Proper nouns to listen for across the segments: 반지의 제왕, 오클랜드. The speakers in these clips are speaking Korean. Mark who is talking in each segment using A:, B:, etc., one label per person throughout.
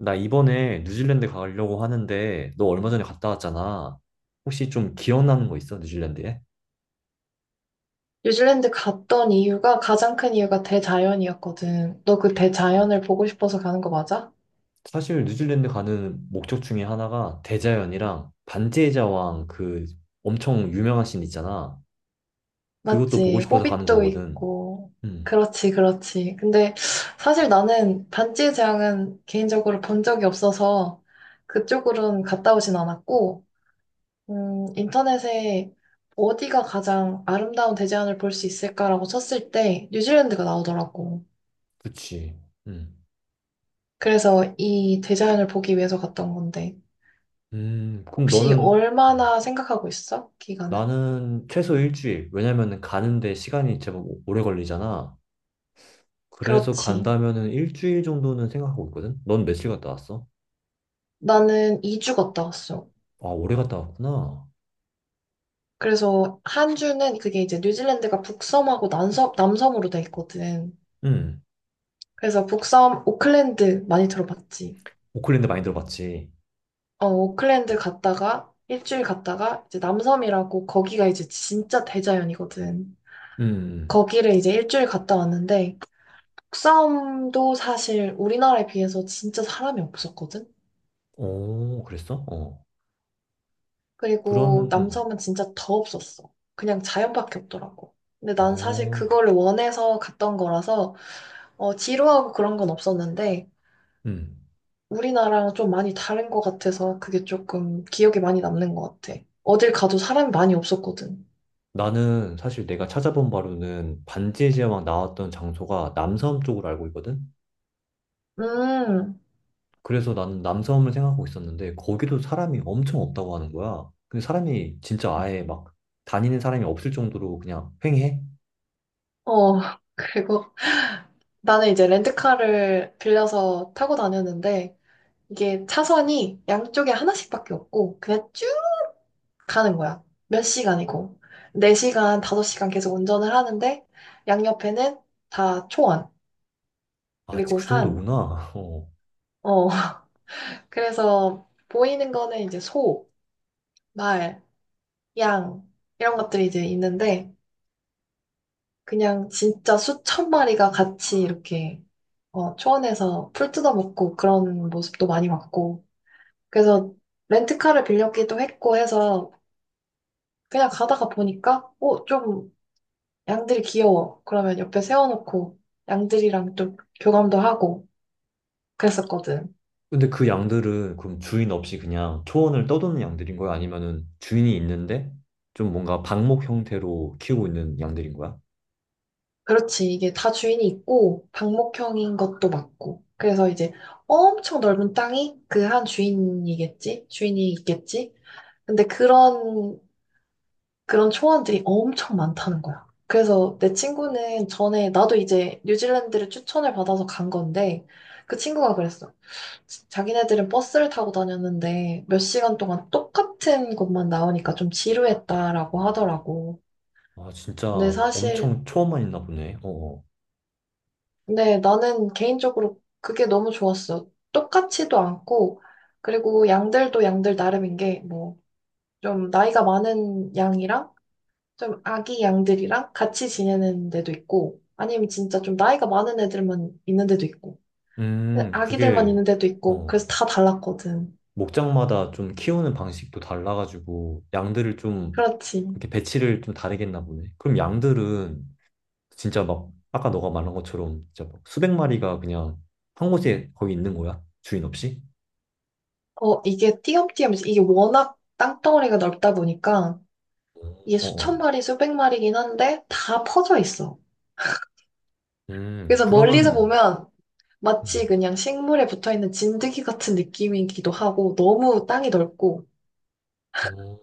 A: 나 이번에 뉴질랜드 가려고 하는데 너 얼마 전에 갔다 왔잖아. 혹시 좀 기억나는 거 있어? 뉴질랜드에?
B: 뉴질랜드 갔던 이유가 가장 큰 이유가 대자연이었거든. 너 그 대자연을 보고 싶어서 가는 거 맞아?
A: 사실 뉴질랜드 가는 목적 중에 하나가 대자연이랑 반지의 제왕 그 엄청 유명한 씬 있잖아. 그것도 보고
B: 맞지.
A: 싶어서 가는
B: 호빗도
A: 거거든.
B: 있고.
A: 음.
B: 그렇지, 그렇지. 근데 사실 나는 반지의 제왕은 개인적으로 본 적이 없어서 그쪽으로는 갔다 오진 않았고, 인터넷에 어디가 가장 아름다운 대자연을 볼 수 있을까라고 쳤을 때 뉴질랜드가 나오더라고.
A: 그치. 음.
B: 그래서 이 대자연을 보기 위해서 갔던 건데.
A: 그럼
B: 혹시
A: 너는.
B: 얼마나 생각하고 있어? 기간은?
A: 나는 최소 1주일. 왜냐면은 가는데 시간이 제법 오래 걸리잖아. 그래서
B: 그렇지.
A: 간다면은 1주일 정도는 생각하고 있거든. 넌 며칠 갔다 왔어?
B: 나는 2주 갔다 왔어.
A: 아, 오래 갔다 왔구나.
B: 그래서 한 주는 그게 이제 뉴질랜드가 북섬하고 남섬, 남섬으로 돼 있거든.
A: 음.
B: 그래서 북섬 오클랜드 많이 들어봤지?
A: 오클랜드 많이 들어봤지.
B: 오클랜드 갔다가 일주일 갔다가 이제 남섬이라고 거기가 이제 진짜 대자연이거든.
A: 음.
B: 거기를 이제 일주일 갔다 왔는데 북섬도 사실 우리나라에 비해서 진짜 사람이 없었거든?
A: 오, 그랬어? 어.
B: 그리고
A: 그러면,
B: 남섬은 진짜 더 없었어. 그냥 자연밖에 없더라고. 근데 난 사실
A: 어.
B: 그거를 원해서 갔던 거라서 지루하고 그런 건 없었는데
A: 음.
B: 우리나라랑 좀 많이 다른 것 같아서 그게 조금 기억에 많이 남는 것 같아. 어딜 가도 사람이 많이 없었거든.
A: 나는 사실 내가 찾아본 바로는 반지의 제왕 나왔던 장소가 남섬 쪽으로 알고 있거든?
B: 음,
A: 그래서 나는 남섬을 생각하고 있었는데, 거기도 사람이 엄청 없다고 하는 거야. 근데 사람이 진짜 아예 막 다니는 사람이 없을 정도로 그냥 횡해?
B: 어, 그리고 나는 이제 렌트카를 빌려서 타고 다녔는데 이게 차선이 양쪽에 하나씩밖에 없고 그냥 쭉 가는 거야. 몇 시간이고. 4시간, 5시간 계속 운전을 하는데, 양옆에는 다 초원,
A: 아,
B: 그리고
A: 그
B: 산.
A: 정도구나. 어.
B: 어, 그래서 보이는 거는 이제 소, 말, 양, 이런 것들이 이제 있는데, 그냥 진짜 수천 마리가 같이 이렇게, 초원에서 풀 뜯어먹고 그런 모습도 많이 봤고. 그래서 렌트카를 빌렸기도 했고 해서, 그냥 가다가 보니까, 좀 양들이 귀여워. 그러면 옆에 세워놓고 양들이랑 좀 교감도 하고 그랬었거든.
A: 근데 그 양들은 그럼 주인 없이 그냥 초원을 떠도는 양들인 거야? 아니면은 주인이 있는데 좀 뭔가 방목 형태로 키우고 있는 양들인 거야?
B: 그렇지. 이게 다 주인이 있고 방목형인 것도 맞고. 그래서 이제 엄청 넓은 땅이 그 한 주인이겠지? 주인이 있겠지? 근데 그런 초원들이 엄청 많다는 거야. 그래서 내 친구는 전에 나도 이제 뉴질랜드를 추천을 받아서 간 건데 그 친구가 그랬어. 자기네들은 버스를 타고 다녔는데 몇 시간 동안 똑같은 것만 나오니까 좀 지루했다라고 하더라고.
A: 아, 진짜
B: 근데 사실,
A: 엄청 초원만 있나 보네. 어.
B: 근데 나는 개인적으로 그게 너무 좋았어. 똑같지도 않고, 그리고 양들도 양들 나름인 게, 뭐, 좀 나이가 많은 양이랑 좀 아기 양들이랑 같이 지내는 데도 있고, 아니면 진짜 좀 나이가 많은 애들만 있는 데도 있고, 근데
A: 음,
B: 아기들만
A: 그게
B: 있는 데도 있고,
A: 어,
B: 그래서 다 달랐거든.
A: 목장마다 좀 키우는 방식도 달라가지고 양들을 좀
B: 그렇지.
A: 그렇게 배치를 좀 다르겠나 보네. 그럼 양들은 진짜 막 아까 너가 말한 것처럼 진짜 막 수백 마리가 그냥 한 곳에 거기 있는 거야? 주인 없이?
B: 이게 띄엄띄엄, 이제 이게 워낙 땅덩어리가 넓다 보니까 이게
A: 어,
B: 수천
A: 어.
B: 마리, 수백 마리긴 한데 다 퍼져 있어. 그래서 멀리서
A: 그러면,
B: 보면 마치
A: 음,
B: 그냥 식물에 붙어 있는 진드기 같은 느낌이기도 하고 너무 땅이 넓고
A: 어,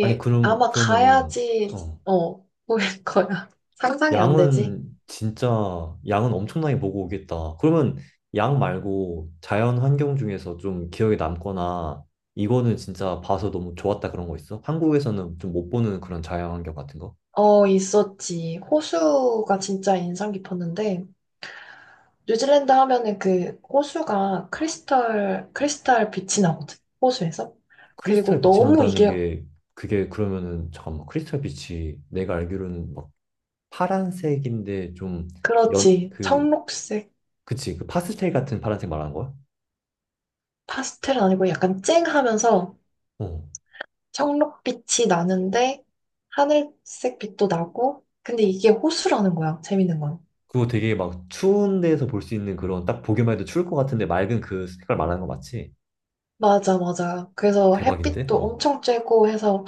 A: 아니, 그럼,
B: 아마
A: 그러면은,
B: 가야지,
A: 어,
B: 보일 거야. 상상이 안 되지?
A: 양은 진짜, 양은 엄청나게 보고 오겠다. 그러면 양 말고 자연 환경 중에서 좀 기억에 남거나, 이거는 진짜 봐서 너무 좋았다 그런 거 있어? 한국에서는 좀 못 보는 그런 자연 환경 같은 거?
B: 어, 있었지. 호수가 진짜 인상 깊었는데 뉴질랜드 하면은 그 호수가 크리스탈 빛이 나거든, 호수에서.
A: 크리스탈
B: 그리고
A: 빛이
B: 너무
A: 난다는
B: 이게,
A: 게, 그게 그러면은, 잠깐만, 크리스탈 빛이 내가 알기로는 막 파란색인데 좀 연,
B: 그렇지.
A: 그,
B: 청록색,
A: 그치, 그 파스텔 같은 파란색 말하는 거야?
B: 파스텔은 아니고 약간 쨍하면서
A: 어.
B: 청록빛이 나는데 하늘색 빛도 나고, 근데 이게 호수라는 거야, 재밌는 건.
A: 그거 되게 막 추운 데서 볼 수 있는 그런 딱 보기만 해도 추울 것 같은데 맑은 그 색깔 말하는 거 맞지?
B: 맞아, 맞아. 그래서
A: 대박인데?
B: 햇빛도
A: 어.
B: 엄청 쬐고 해서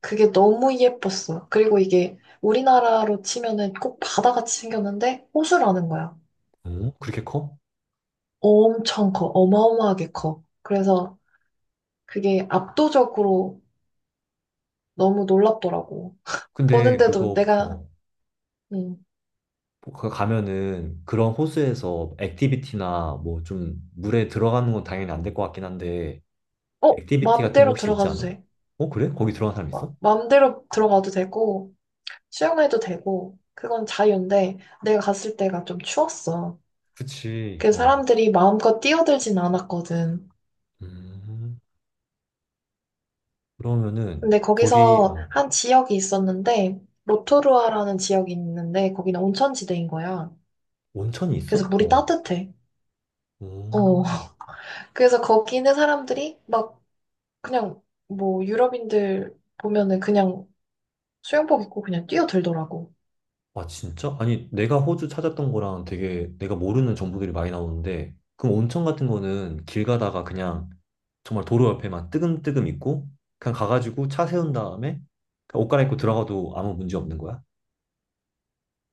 B: 그게 너무 예뻤어. 그리고 이게 우리나라로 치면은 꼭 바다같이 생겼는데 호수라는 거야.
A: 어? 그렇게 커?
B: 엄청 커. 어마어마하게 커. 그래서 그게 압도적으로 너무 놀랍더라고.
A: 근데
B: 보는데도
A: 그거,
B: 내가,
A: 어.
B: 음,
A: 거 가면은 그런 호수에서 액티비티나 뭐 좀 물에 들어가는 건 당연히 안 될 것 같긴 한데
B: 어?
A: 액티비티 같은 거
B: 마음대로
A: 혹시 있지
B: 들어가도
A: 않아?
B: 돼.
A: 어, 그래? 거기 들어간 사람 있어?
B: 마음대로 들어가도 되고, 수영해도 되고, 그건 자유인데, 내가 갔을 때가 좀 추웠어.
A: 그치.
B: 그
A: 어.
B: 사람들이 마음껏 뛰어들진 않았거든.
A: 음. 그러면은
B: 근데
A: 거기
B: 거기서
A: 어
B: 한 지역이 있었는데, 로토루아라는 지역이 있는데, 거기는 온천지대인 거야.
A: 온천이 있어?
B: 그래서 물이
A: 어.
B: 따뜻해. 어.
A: 음.
B: 그래서 거기 있는 사람들이 막 그냥 뭐 유럽인들 보면은 그냥 수영복 입고 그냥 뛰어들더라고.
A: 아, 진짜? 아니, 내가 호주 찾았던 거랑 되게 내가 모르는 정보들이 많이 나오는데, 그럼 온천 같은 거는 길 가다가 그냥 정말 도로 옆에만 뜨금뜨금 있고, 그냥 가가지고 차 세운 다음에 그냥 옷 갈아입고 들어가도 아무 문제 없는 거야?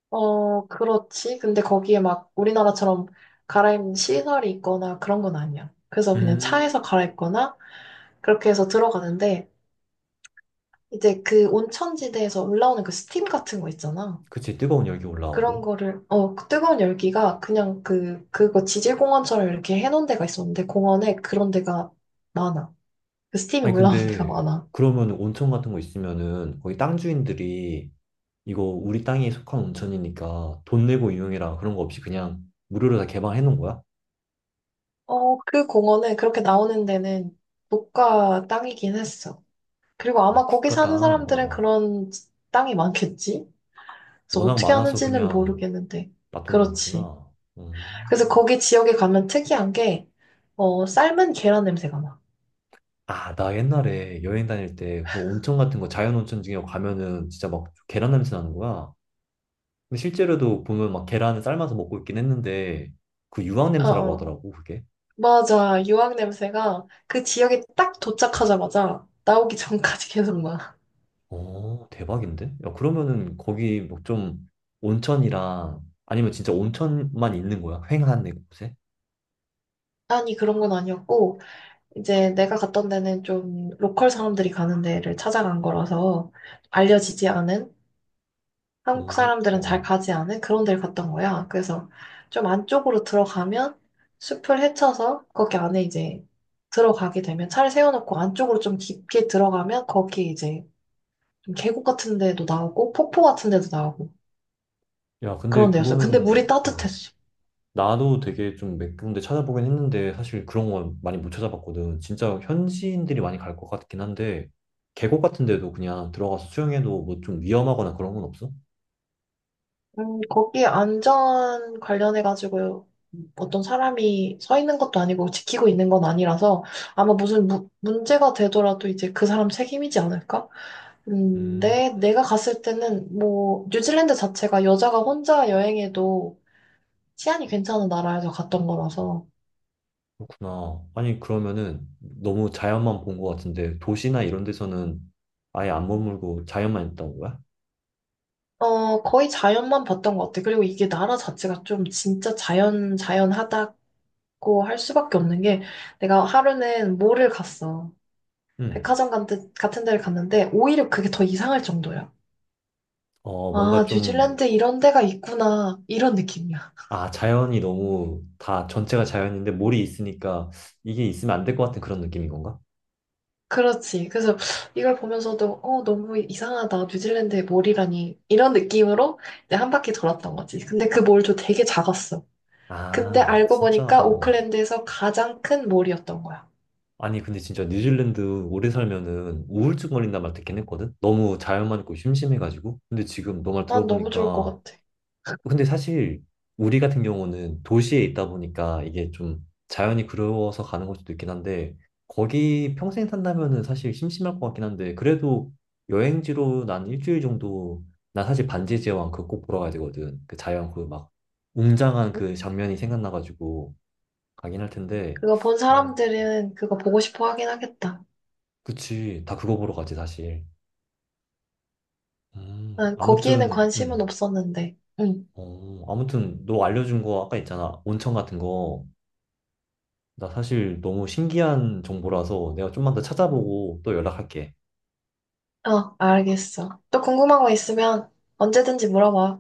B: 어, 그렇지. 근데 거기에 막 우리나라처럼 갈아입는 시설이 있거나 그런 건 아니야. 그래서 그냥
A: 음.
B: 차에서 갈아입거나 그렇게 해서 들어가는데 이제 그 온천지대에서 올라오는 그 스팀 같은 거 있잖아.
A: 그치, 뜨거운 열기
B: 그런
A: 올라오고.
B: 거를 그 뜨거운 열기가 그냥 그거 지질공원처럼 이렇게 해놓은 데가 있었는데 공원에 그런 데가 많아. 그 스팀이
A: 아니,
B: 올라오는 데가
A: 근데
B: 많아.
A: 그러면 온천 같은 거 있으면은 거기 땅 주인들이 이거 우리 땅에 속한 온천이니까 돈 내고 이용해라 그런 거 없이 그냥 무료로 다 개방해 놓은 거야?
B: 그 공원은 그렇게 나오는 데는 국가 땅이긴 했어. 그리고
A: 아,
B: 아마 거기
A: 국가 땅.
B: 사는 사람들은
A: 어, 어.
B: 그런 땅이 많겠지? 그래서
A: 워낙
B: 어떻게
A: 많아서
B: 하는지는
A: 그냥
B: 모르겠는데.
A: 맛도
B: 그렇지.
A: 나오구나. 음.
B: 그래서 거기 지역에 가면 특이한 게, 삶은 계란 냄새가 나.
A: 아, 나 옛날에 여행 다닐 때 그런 온천 같은 거 자연 온천 중에 가면은 진짜 막 계란 냄새 나는 거야. 근데 실제로도 보면 막 계란을 삶아서 먹고 있긴 했는데 그 유황
B: 어,
A: 냄새라고
B: 어.
A: 하더라고 그게.
B: 맞아. 유황 냄새가 그 지역에 딱 도착하자마자 나오기 전까지 계속 나.
A: 어, 대박인데? 야, 그러면은 거기 뭐 좀 온천이랑 아니면 진짜 온천만 있는 거야? 휑한 내 곳에?
B: 아니, 그런 건 아니었고, 이제 내가 갔던 데는 좀 로컬 사람들이 가는 데를 찾아간 거라서 알려지지 않은
A: 어,
B: 한국
A: 어.
B: 사람들은 잘
A: 어.
B: 가지 않은 그런 데를 갔던 거야. 그래서 좀 안쪽으로 들어가면 숲을 헤쳐서 거기 안에 이제 들어가게 되면 차를 세워놓고 안쪽으로 좀 깊게 들어가면 거기 이제 좀 계곡 같은 데도 나오고 폭포 같은 데도 나오고
A: 야, 근데
B: 그런 데였어. 요 근데
A: 그거는,
B: 물이
A: 어.
B: 따뜻했어.
A: 나도 되게 좀 몇 군데 찾아보긴 했는데 사실 그런 건 많이 못 찾아봤거든. 진짜 현지인들이 많이 갈 것 같긴 한데 계곡 같은 데도 그냥 들어가서 수영해도 뭐 좀 위험하거나 그런 건 없어?
B: 거기 안전 관련해가지고 어떤 사람이 서 있는 것도 아니고 지키고 있는 건 아니라서 아마 무슨 문제가 되더라도 이제 그 사람 책임이지 않을까?
A: 음.
B: 근데 내가 갔을 때는 뭐 뉴질랜드 자체가 여자가 혼자 여행해도 치안이 괜찮은 나라에서 갔던 거라서
A: 그렇구나. 아니 그러면은 너무 자연만 본 것 같은데 도시나 이런 데서는 아예 안 머물고 자연만 있다는 거야?
B: 거의 자연만 봤던 것 같아. 그리고 이게 나라 자체가 좀 진짜 자연 자연하다고 할 수밖에 없는 게 내가 하루는 몰을 갔어.
A: 음.
B: 백화점 같은 데를 갔는데 오히려 그게 더 이상할 정도야.
A: 어, 뭔가
B: 아,
A: 좀,
B: 뉴질랜드 이런 데가 있구나. 이런 느낌이야.
A: 아, 자연이 너무 다 전체가 자연인데 몰이 있으니까 이게 있으면 안 될 것 같은 그런 느낌인 건가?
B: 그렇지. 그래서 이걸 보면서도 너무 이상하다. 뉴질랜드의 몰이라니 이런 느낌으로 이제 한 바퀴 돌았던 거지. 근데 그 몰도 되게 작았어. 근데
A: 아,
B: 알고
A: 진짜?
B: 보니까
A: 어.
B: 오클랜드에서 가장 큰 몰이었던 거야.
A: 아니 근데 진짜 뉴질랜드 오래 살면은 우울증 걸린단 말 듣긴 했거든. 너무 자연만 있고 심심해가지고. 근데 지금 너 말
B: 난 너무 좋을 것
A: 들어보니까
B: 같아.
A: 근데 사실 우리 같은 경우는 도시에 있다 보니까 이게 좀 자연이 그리워서 가는 걸 수도 있긴 한데 거기 평생 산다면은 사실 심심할 것 같긴 한데 그래도 여행지로 난 1주일 정도, 난 사실 반지의 제왕 그거 꼭 보러 가야 되거든. 그 자연 그 막 웅장한 그 장면이 생각나가지고 가긴 할 텐데.
B: 그거 본
A: 어,
B: 사람들은 그거 보고 싶어 하긴 하겠다.
A: 그치. 다 그거 보러 가지, 사실. 음,
B: 난 거기에는
A: 아무튼,
B: 관심은
A: 음,
B: 없었는데. 응.
A: 아무튼, 너 알려준 거 아까 있잖아. 온천 같은 거. 나 사실 너무 신기한 정보라서 내가 좀만 더 찾아보고 또 연락할게.
B: 어, 알겠어. 또 궁금한 거 있으면 언제든지 물어봐.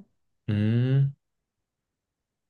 A: 음.